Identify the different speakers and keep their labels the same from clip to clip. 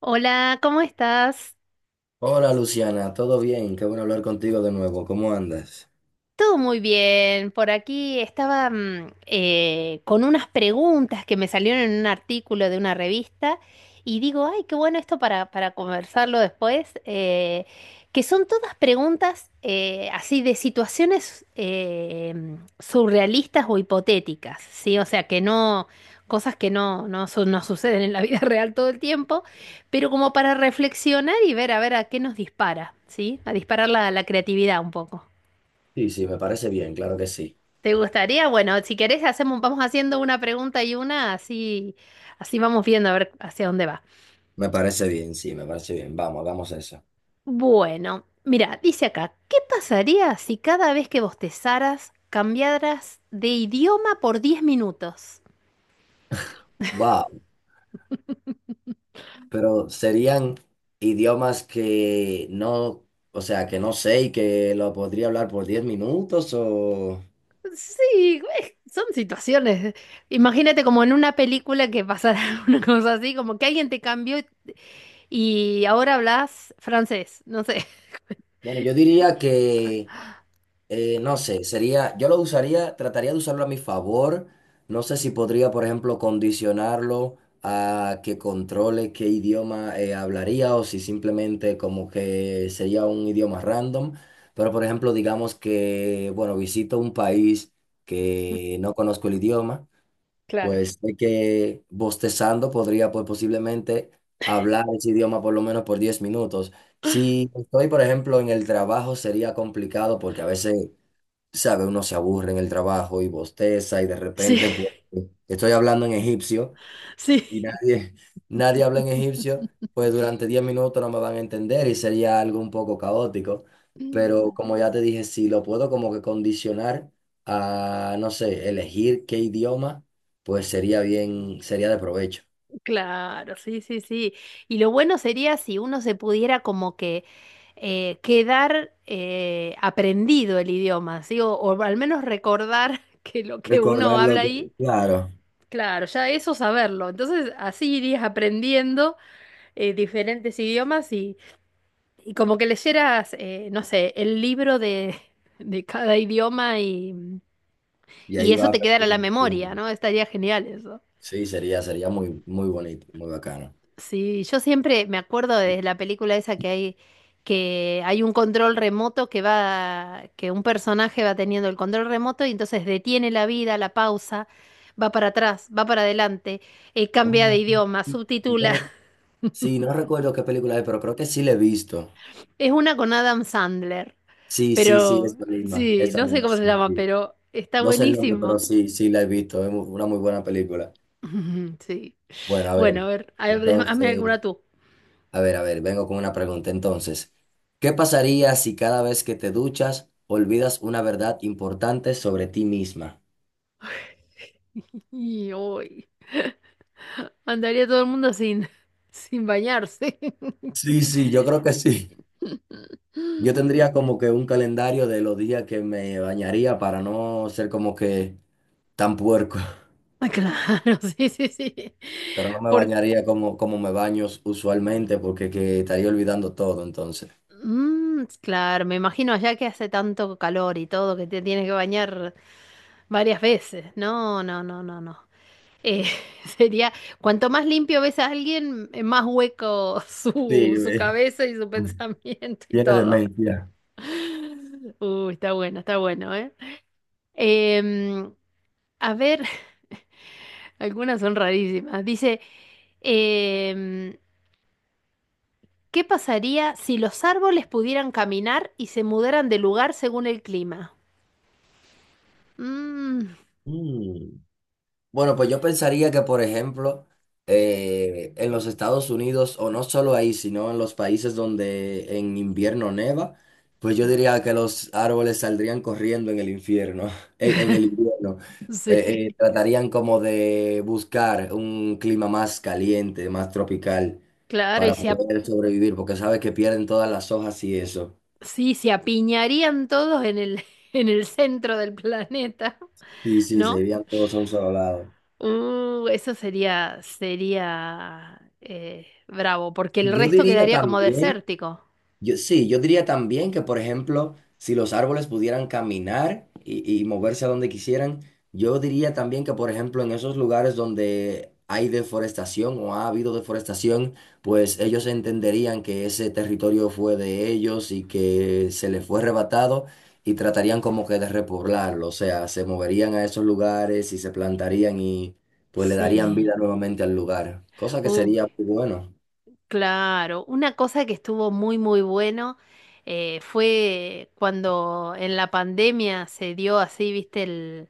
Speaker 1: Hola, ¿cómo estás?
Speaker 2: Hola Luciana, ¿todo bien? Qué bueno hablar contigo de nuevo. ¿Cómo andas?
Speaker 1: Todo muy bien. Por aquí estaba con unas preguntas que me salieron en un artículo de una revista y digo, ay, qué bueno esto para conversarlo después, que son todas preguntas así de situaciones surrealistas o hipotéticas, ¿sí? O sea, que no, cosas que no suceden en la vida real todo el tiempo, pero como para reflexionar y ver a ver a qué nos dispara, ¿sí? A disparar la creatividad un poco.
Speaker 2: Sí, sí, me parece bien, claro que sí.
Speaker 1: ¿Te gustaría? Bueno, si querés hacemos, vamos haciendo una pregunta y una, así, así vamos viendo a ver hacia dónde va.
Speaker 2: Me parece bien, sí, me parece bien. Vamos, hagamos eso.
Speaker 1: Bueno, mira, dice acá, ¿qué pasaría si cada vez que bostezaras cambiaras de idioma por 10 minutos?
Speaker 2: Wow, pero serían idiomas que no, o sea, que no sé y que lo podría hablar por 10 minutos o.
Speaker 1: Sí, güey, son situaciones. Imagínate como en una película que pasara una cosa así, como que alguien te cambió y ahora hablas francés, no sé.
Speaker 2: Bueno, yo diría que no sé, sería, yo lo usaría, trataría de usarlo a mi favor. No sé si podría, por ejemplo, condicionarlo a que controle qué idioma hablaría o si simplemente como que sería un idioma random. Pero, por ejemplo, digamos que, bueno, visito un país que no conozco el idioma,
Speaker 1: Claro.
Speaker 2: pues sé que bostezando podría, pues posiblemente hablar ese idioma por lo menos por 10 minutos. Si estoy, por ejemplo, en el trabajo sería complicado porque a veces sabe, uno se aburre en el trabajo y bosteza y de
Speaker 1: Sí,
Speaker 2: repente pues, estoy hablando en egipcio y
Speaker 1: sí.
Speaker 2: nadie, nadie habla en egipcio, pues durante 10 minutos no me van a entender y sería algo un poco caótico. Pero como ya te dije, si lo puedo como que condicionar a, no sé, elegir qué idioma, pues sería bien, sería de provecho.
Speaker 1: Claro, sí, sí, sí. Y lo bueno sería si uno se pudiera como que quedar aprendido el idioma, ¿sí? O al menos recordar que lo que uno
Speaker 2: Recordarlo,
Speaker 1: habla ahí,
Speaker 2: claro,
Speaker 1: claro, ya eso saberlo. Entonces así irías aprendiendo diferentes idiomas y como que leyeras, no sé, el libro de, de cada idioma
Speaker 2: y
Speaker 1: y
Speaker 2: ahí
Speaker 1: eso
Speaker 2: va
Speaker 1: te quedara en la
Speaker 2: perdiendo, claro.
Speaker 1: memoria, ¿no? Estaría genial eso.
Speaker 2: Sí, sería, sería muy, muy bonito, muy bacano.
Speaker 1: Sí, yo siempre me acuerdo de la película esa que hay un control remoto que va, que un personaje va teniendo el control remoto y entonces detiene la vida, la pausa, va para atrás, va para adelante, cambia de
Speaker 2: Oh, sí,
Speaker 1: idioma,
Speaker 2: sí, sí.
Speaker 1: subtitula.
Speaker 2: Sí, no recuerdo qué película es, pero creo que sí la he visto.
Speaker 1: Es una con Adam Sandler,
Speaker 2: Sí, sí, sí,
Speaker 1: pero sí,
Speaker 2: esa
Speaker 1: no sé
Speaker 2: misma,
Speaker 1: cómo se
Speaker 2: sí,
Speaker 1: llama,
Speaker 2: sí.
Speaker 1: pero está
Speaker 2: No sé el nombre, pero
Speaker 1: buenísimo.
Speaker 2: sí, sí la he visto. Es una muy buena película.
Speaker 1: Sí.
Speaker 2: Bueno, a
Speaker 1: Bueno,
Speaker 2: ver,
Speaker 1: a ver, hazme
Speaker 2: entonces,
Speaker 1: alguna tú.
Speaker 2: a ver, vengo con una pregunta. Entonces, ¿qué pasaría si cada vez que te duchas olvidas una verdad importante sobre ti misma?
Speaker 1: Y hoy andaría todo el mundo sin, sin bañarse.
Speaker 2: Sí, sí, yo creo que sí. Yo
Speaker 1: Ah.
Speaker 2: tendría como que un calendario de los días que me bañaría para no ser como que tan puerco.
Speaker 1: Claro, sí, sí, sí.
Speaker 2: Pero no me
Speaker 1: Por...
Speaker 2: bañaría como me baño usualmente porque que estaría olvidando todo entonces.
Speaker 1: Mm, claro, me imagino allá que hace tanto calor y todo que te tienes que bañar varias veces. No, no, no, no, no. Eh, sería, cuanto más limpio ves a alguien, más hueco
Speaker 2: Sí,
Speaker 1: su cabeza y su pensamiento y
Speaker 2: tiene
Speaker 1: todo.
Speaker 2: demencia.
Speaker 1: Uy, está bueno, ¿eh? Em, a ver, algunas son rarísimas. Dice, em, ¿qué pasaría si los árboles pudieran caminar y se mudaran de lugar según el clima? Mm.
Speaker 2: Mm. Bueno, pues yo pensaría que, por ejemplo, en los Estados Unidos, o no solo ahí, sino en los países donde en invierno neva, pues yo diría que los árboles saldrían corriendo en el infierno, en el invierno.
Speaker 1: Sí.
Speaker 2: Tratarían como de buscar un clima más caliente, más tropical,
Speaker 1: Claro,
Speaker 2: para poder sobrevivir, porque sabes que pierden todas las hojas y eso.
Speaker 1: sí, se apiñarían todos en el, en el centro del planeta,
Speaker 2: Sí, sí, se
Speaker 1: ¿no?
Speaker 2: irían todos a un solo lado.
Speaker 1: Eso sería, sería bravo, porque el
Speaker 2: Yo
Speaker 1: resto
Speaker 2: diría
Speaker 1: quedaría como
Speaker 2: también
Speaker 1: desértico.
Speaker 2: Yo, sí, yo diría también que, por ejemplo, si los árboles pudieran caminar y moverse a donde quisieran, yo diría también que, por ejemplo, en esos lugares donde hay deforestación o ha habido deforestación, pues ellos entenderían que ese territorio fue de ellos y que se les fue arrebatado y tratarían como que de repoblarlo, o sea, se moverían a esos lugares y se plantarían y pues le darían
Speaker 1: Sí.
Speaker 2: vida nuevamente al lugar, cosa que
Speaker 1: Uh,
Speaker 2: sería muy bueno.
Speaker 1: claro, una cosa que estuvo muy muy bueno fue cuando en la pandemia se dio así, viste,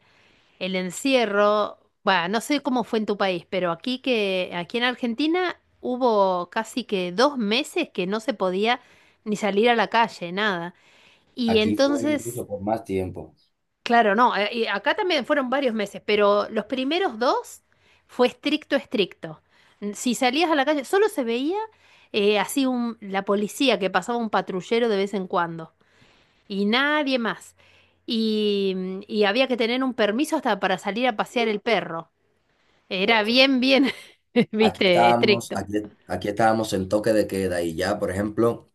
Speaker 1: el encierro. Bueno, no sé cómo fue en tu país, pero aquí que, aquí en Argentina hubo casi que 2 meses que no se podía ni salir a la calle, nada. Y
Speaker 2: Aquí fue
Speaker 1: entonces
Speaker 2: incluso por más tiempo.
Speaker 1: claro, no, y acá también fueron varios meses, pero los primeros 2 fue estricto, estricto. Si salías a la calle, solo se veía así un, la policía que pasaba un patrullero de vez en cuando y nadie más. Y, y había que tener un permiso hasta para salir a pasear el perro. Era bien, bien,
Speaker 2: Aquí
Speaker 1: viste,
Speaker 2: estábamos,
Speaker 1: estricto.
Speaker 2: aquí, aquí estábamos en toque de queda y ya, por ejemplo,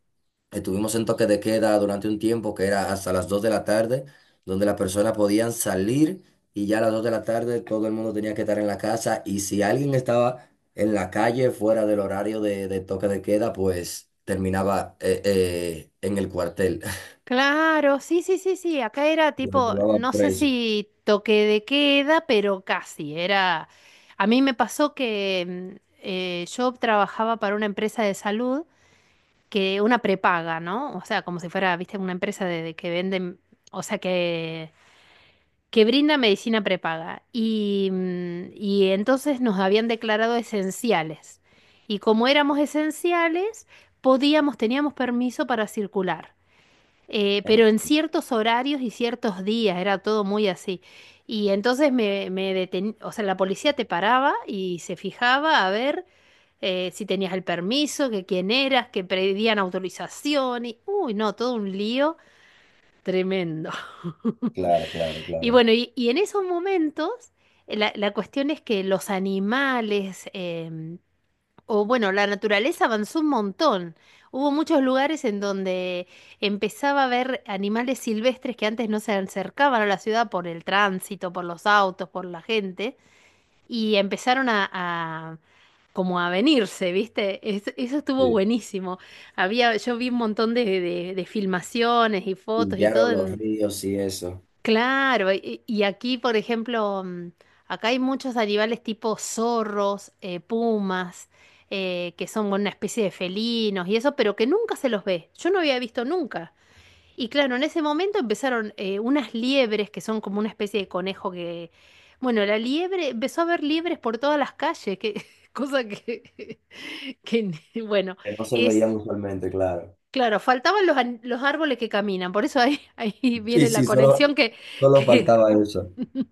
Speaker 2: estuvimos en toque de queda durante un tiempo que era hasta las 2 de la tarde, donde las personas podían salir y ya a las 2 de la tarde todo el mundo tenía que estar en la casa y si alguien estaba en la calle fuera del horario de toque de queda, pues terminaba en el cuartel.
Speaker 1: Claro, sí, sí, sí, sí. Acá era
Speaker 2: Lo
Speaker 1: tipo,
Speaker 2: llevaban
Speaker 1: no sé
Speaker 2: preso.
Speaker 1: si toque de queda, pero casi. Era. A mí me pasó que yo trabajaba para una empresa de salud que una prepaga, ¿no? O sea, como si fuera, viste, una empresa de que venden, o sea, que brinda medicina prepaga. Y y entonces nos habían declarado esenciales. Y como éramos esenciales, podíamos, teníamos permiso para circular
Speaker 2: ¿Eh?
Speaker 1: pero en ciertos horarios y ciertos días, era todo muy así. Y entonces o sea, la policía te paraba y se fijaba a ver si tenías el permiso, que quién eras, que pedían autorización y, uy, no, todo un lío tremendo.
Speaker 2: Claro, claro,
Speaker 1: Y
Speaker 2: claro.
Speaker 1: bueno, y en esos momentos, la cuestión es que los animales, o bueno, la naturaleza avanzó un montón. Hubo muchos lugares en donde empezaba a ver animales silvestres que antes no se acercaban a la ciudad por el tránsito, por los autos, por la gente, y empezaron como a venirse, ¿viste? Eso estuvo
Speaker 2: Sí.
Speaker 1: buenísimo. Había, yo vi un montón de filmaciones y fotos y todo.
Speaker 2: Limpiaron los ríos y eso,
Speaker 1: Claro, y aquí, por ejemplo, acá hay muchos animales tipo zorros, pumas, que son una especie de felinos y eso, pero que nunca se los ve. Yo no había visto nunca. Y claro, en ese momento empezaron unas liebres que son como una especie de conejo que, bueno, la liebre, empezó a haber liebres por todas las calles, que cosa que, que bueno,
Speaker 2: que no se
Speaker 1: es
Speaker 2: veían usualmente, claro.
Speaker 1: claro, faltaban los árboles que caminan, por eso ahí, ahí
Speaker 2: Sí,
Speaker 1: viene la
Speaker 2: sí, solo,
Speaker 1: conexión que
Speaker 2: solo
Speaker 1: que
Speaker 2: faltaba eso.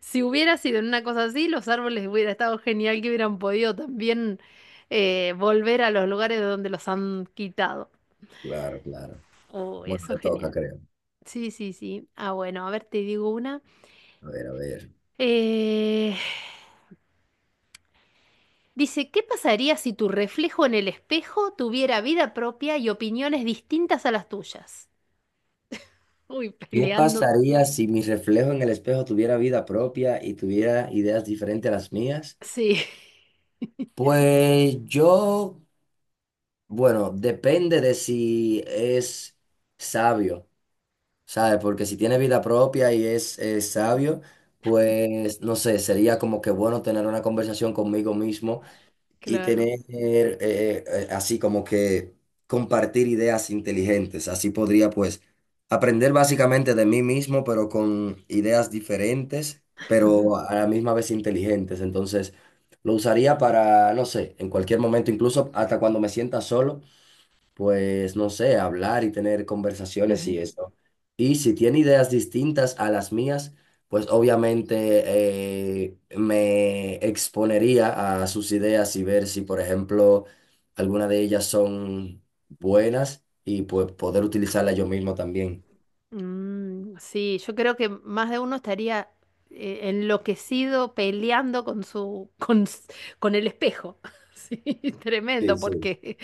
Speaker 1: si hubiera sido en una cosa así, los árboles hubiera estado genial que hubieran podido también volver a los lugares de donde los han quitado.
Speaker 2: Claro, claro.
Speaker 1: Oh,
Speaker 2: Bueno,
Speaker 1: eso es
Speaker 2: te toca,
Speaker 1: genial.
Speaker 2: creo.
Speaker 1: Sí, sí, sí. Ah, bueno, a ver, te digo una.
Speaker 2: A ver, a ver.
Speaker 1: Eh, Dice, ¿qué pasaría si tu reflejo en el espejo tuviera vida propia y opiniones distintas a las tuyas? Uy,
Speaker 2: ¿Qué
Speaker 1: peleando.
Speaker 2: pasaría si mi reflejo en el espejo tuviera vida propia y tuviera ideas diferentes a las mías?
Speaker 1: Sí,
Speaker 2: Pues yo, bueno, depende de si es sabio, ¿sabes? Porque si tiene vida propia y es sabio, pues no sé, sería como que bueno tener una conversación conmigo mismo y
Speaker 1: claro.
Speaker 2: tener así como que compartir ideas inteligentes. Así podría pues aprender básicamente de mí mismo, pero con ideas diferentes, pero a la misma vez inteligentes. Entonces lo usaría para, no sé, en cualquier momento, incluso hasta cuando me sienta solo, pues, no sé, hablar y tener conversaciones y eso. Y si tiene ideas distintas a las mías, pues obviamente me exponería a sus ideas y ver si, por ejemplo, alguna de ellas son buenas y pues poder utilizarla yo mismo también.
Speaker 1: Mm, sí, yo creo que más de uno estaría enloquecido peleando con su con el espejo. Sí,
Speaker 2: Sí,
Speaker 1: tremendo,
Speaker 2: sí.
Speaker 1: porque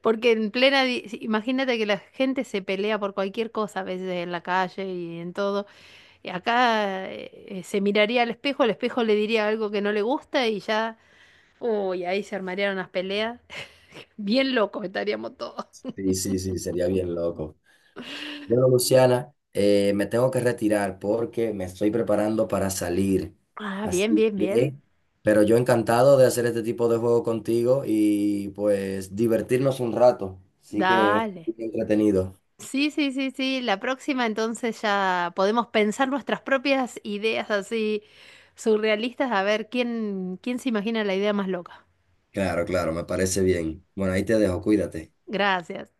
Speaker 1: porque en plena di- si- imagínate que la gente se pelea por cualquier cosa a veces en la calle y en todo. Y acá se miraría al espejo, el espejo le diría algo que no le gusta y ya, uy, ahí se armarían unas peleas. Bien locos estaríamos todos.
Speaker 2: Sí, sí, sí, sería bien loco. Bueno, Luciana, me tengo que retirar porque me estoy preparando para salir.
Speaker 1: Ah, bien,
Speaker 2: Así
Speaker 1: bien, bien.
Speaker 2: que, pero yo encantado de hacer este tipo de juego contigo y pues divertirnos un rato. Así que,
Speaker 1: Dale.
Speaker 2: muy entretenido.
Speaker 1: Sí, sí, sí, sí. La próxima entonces ya podemos pensar nuestras propias ideas así surrealistas a ver quién, quién se imagina la idea más loca.
Speaker 2: Claro, claro, me parece bien. Bueno, ahí te dejo, cuídate.
Speaker 1: Gracias.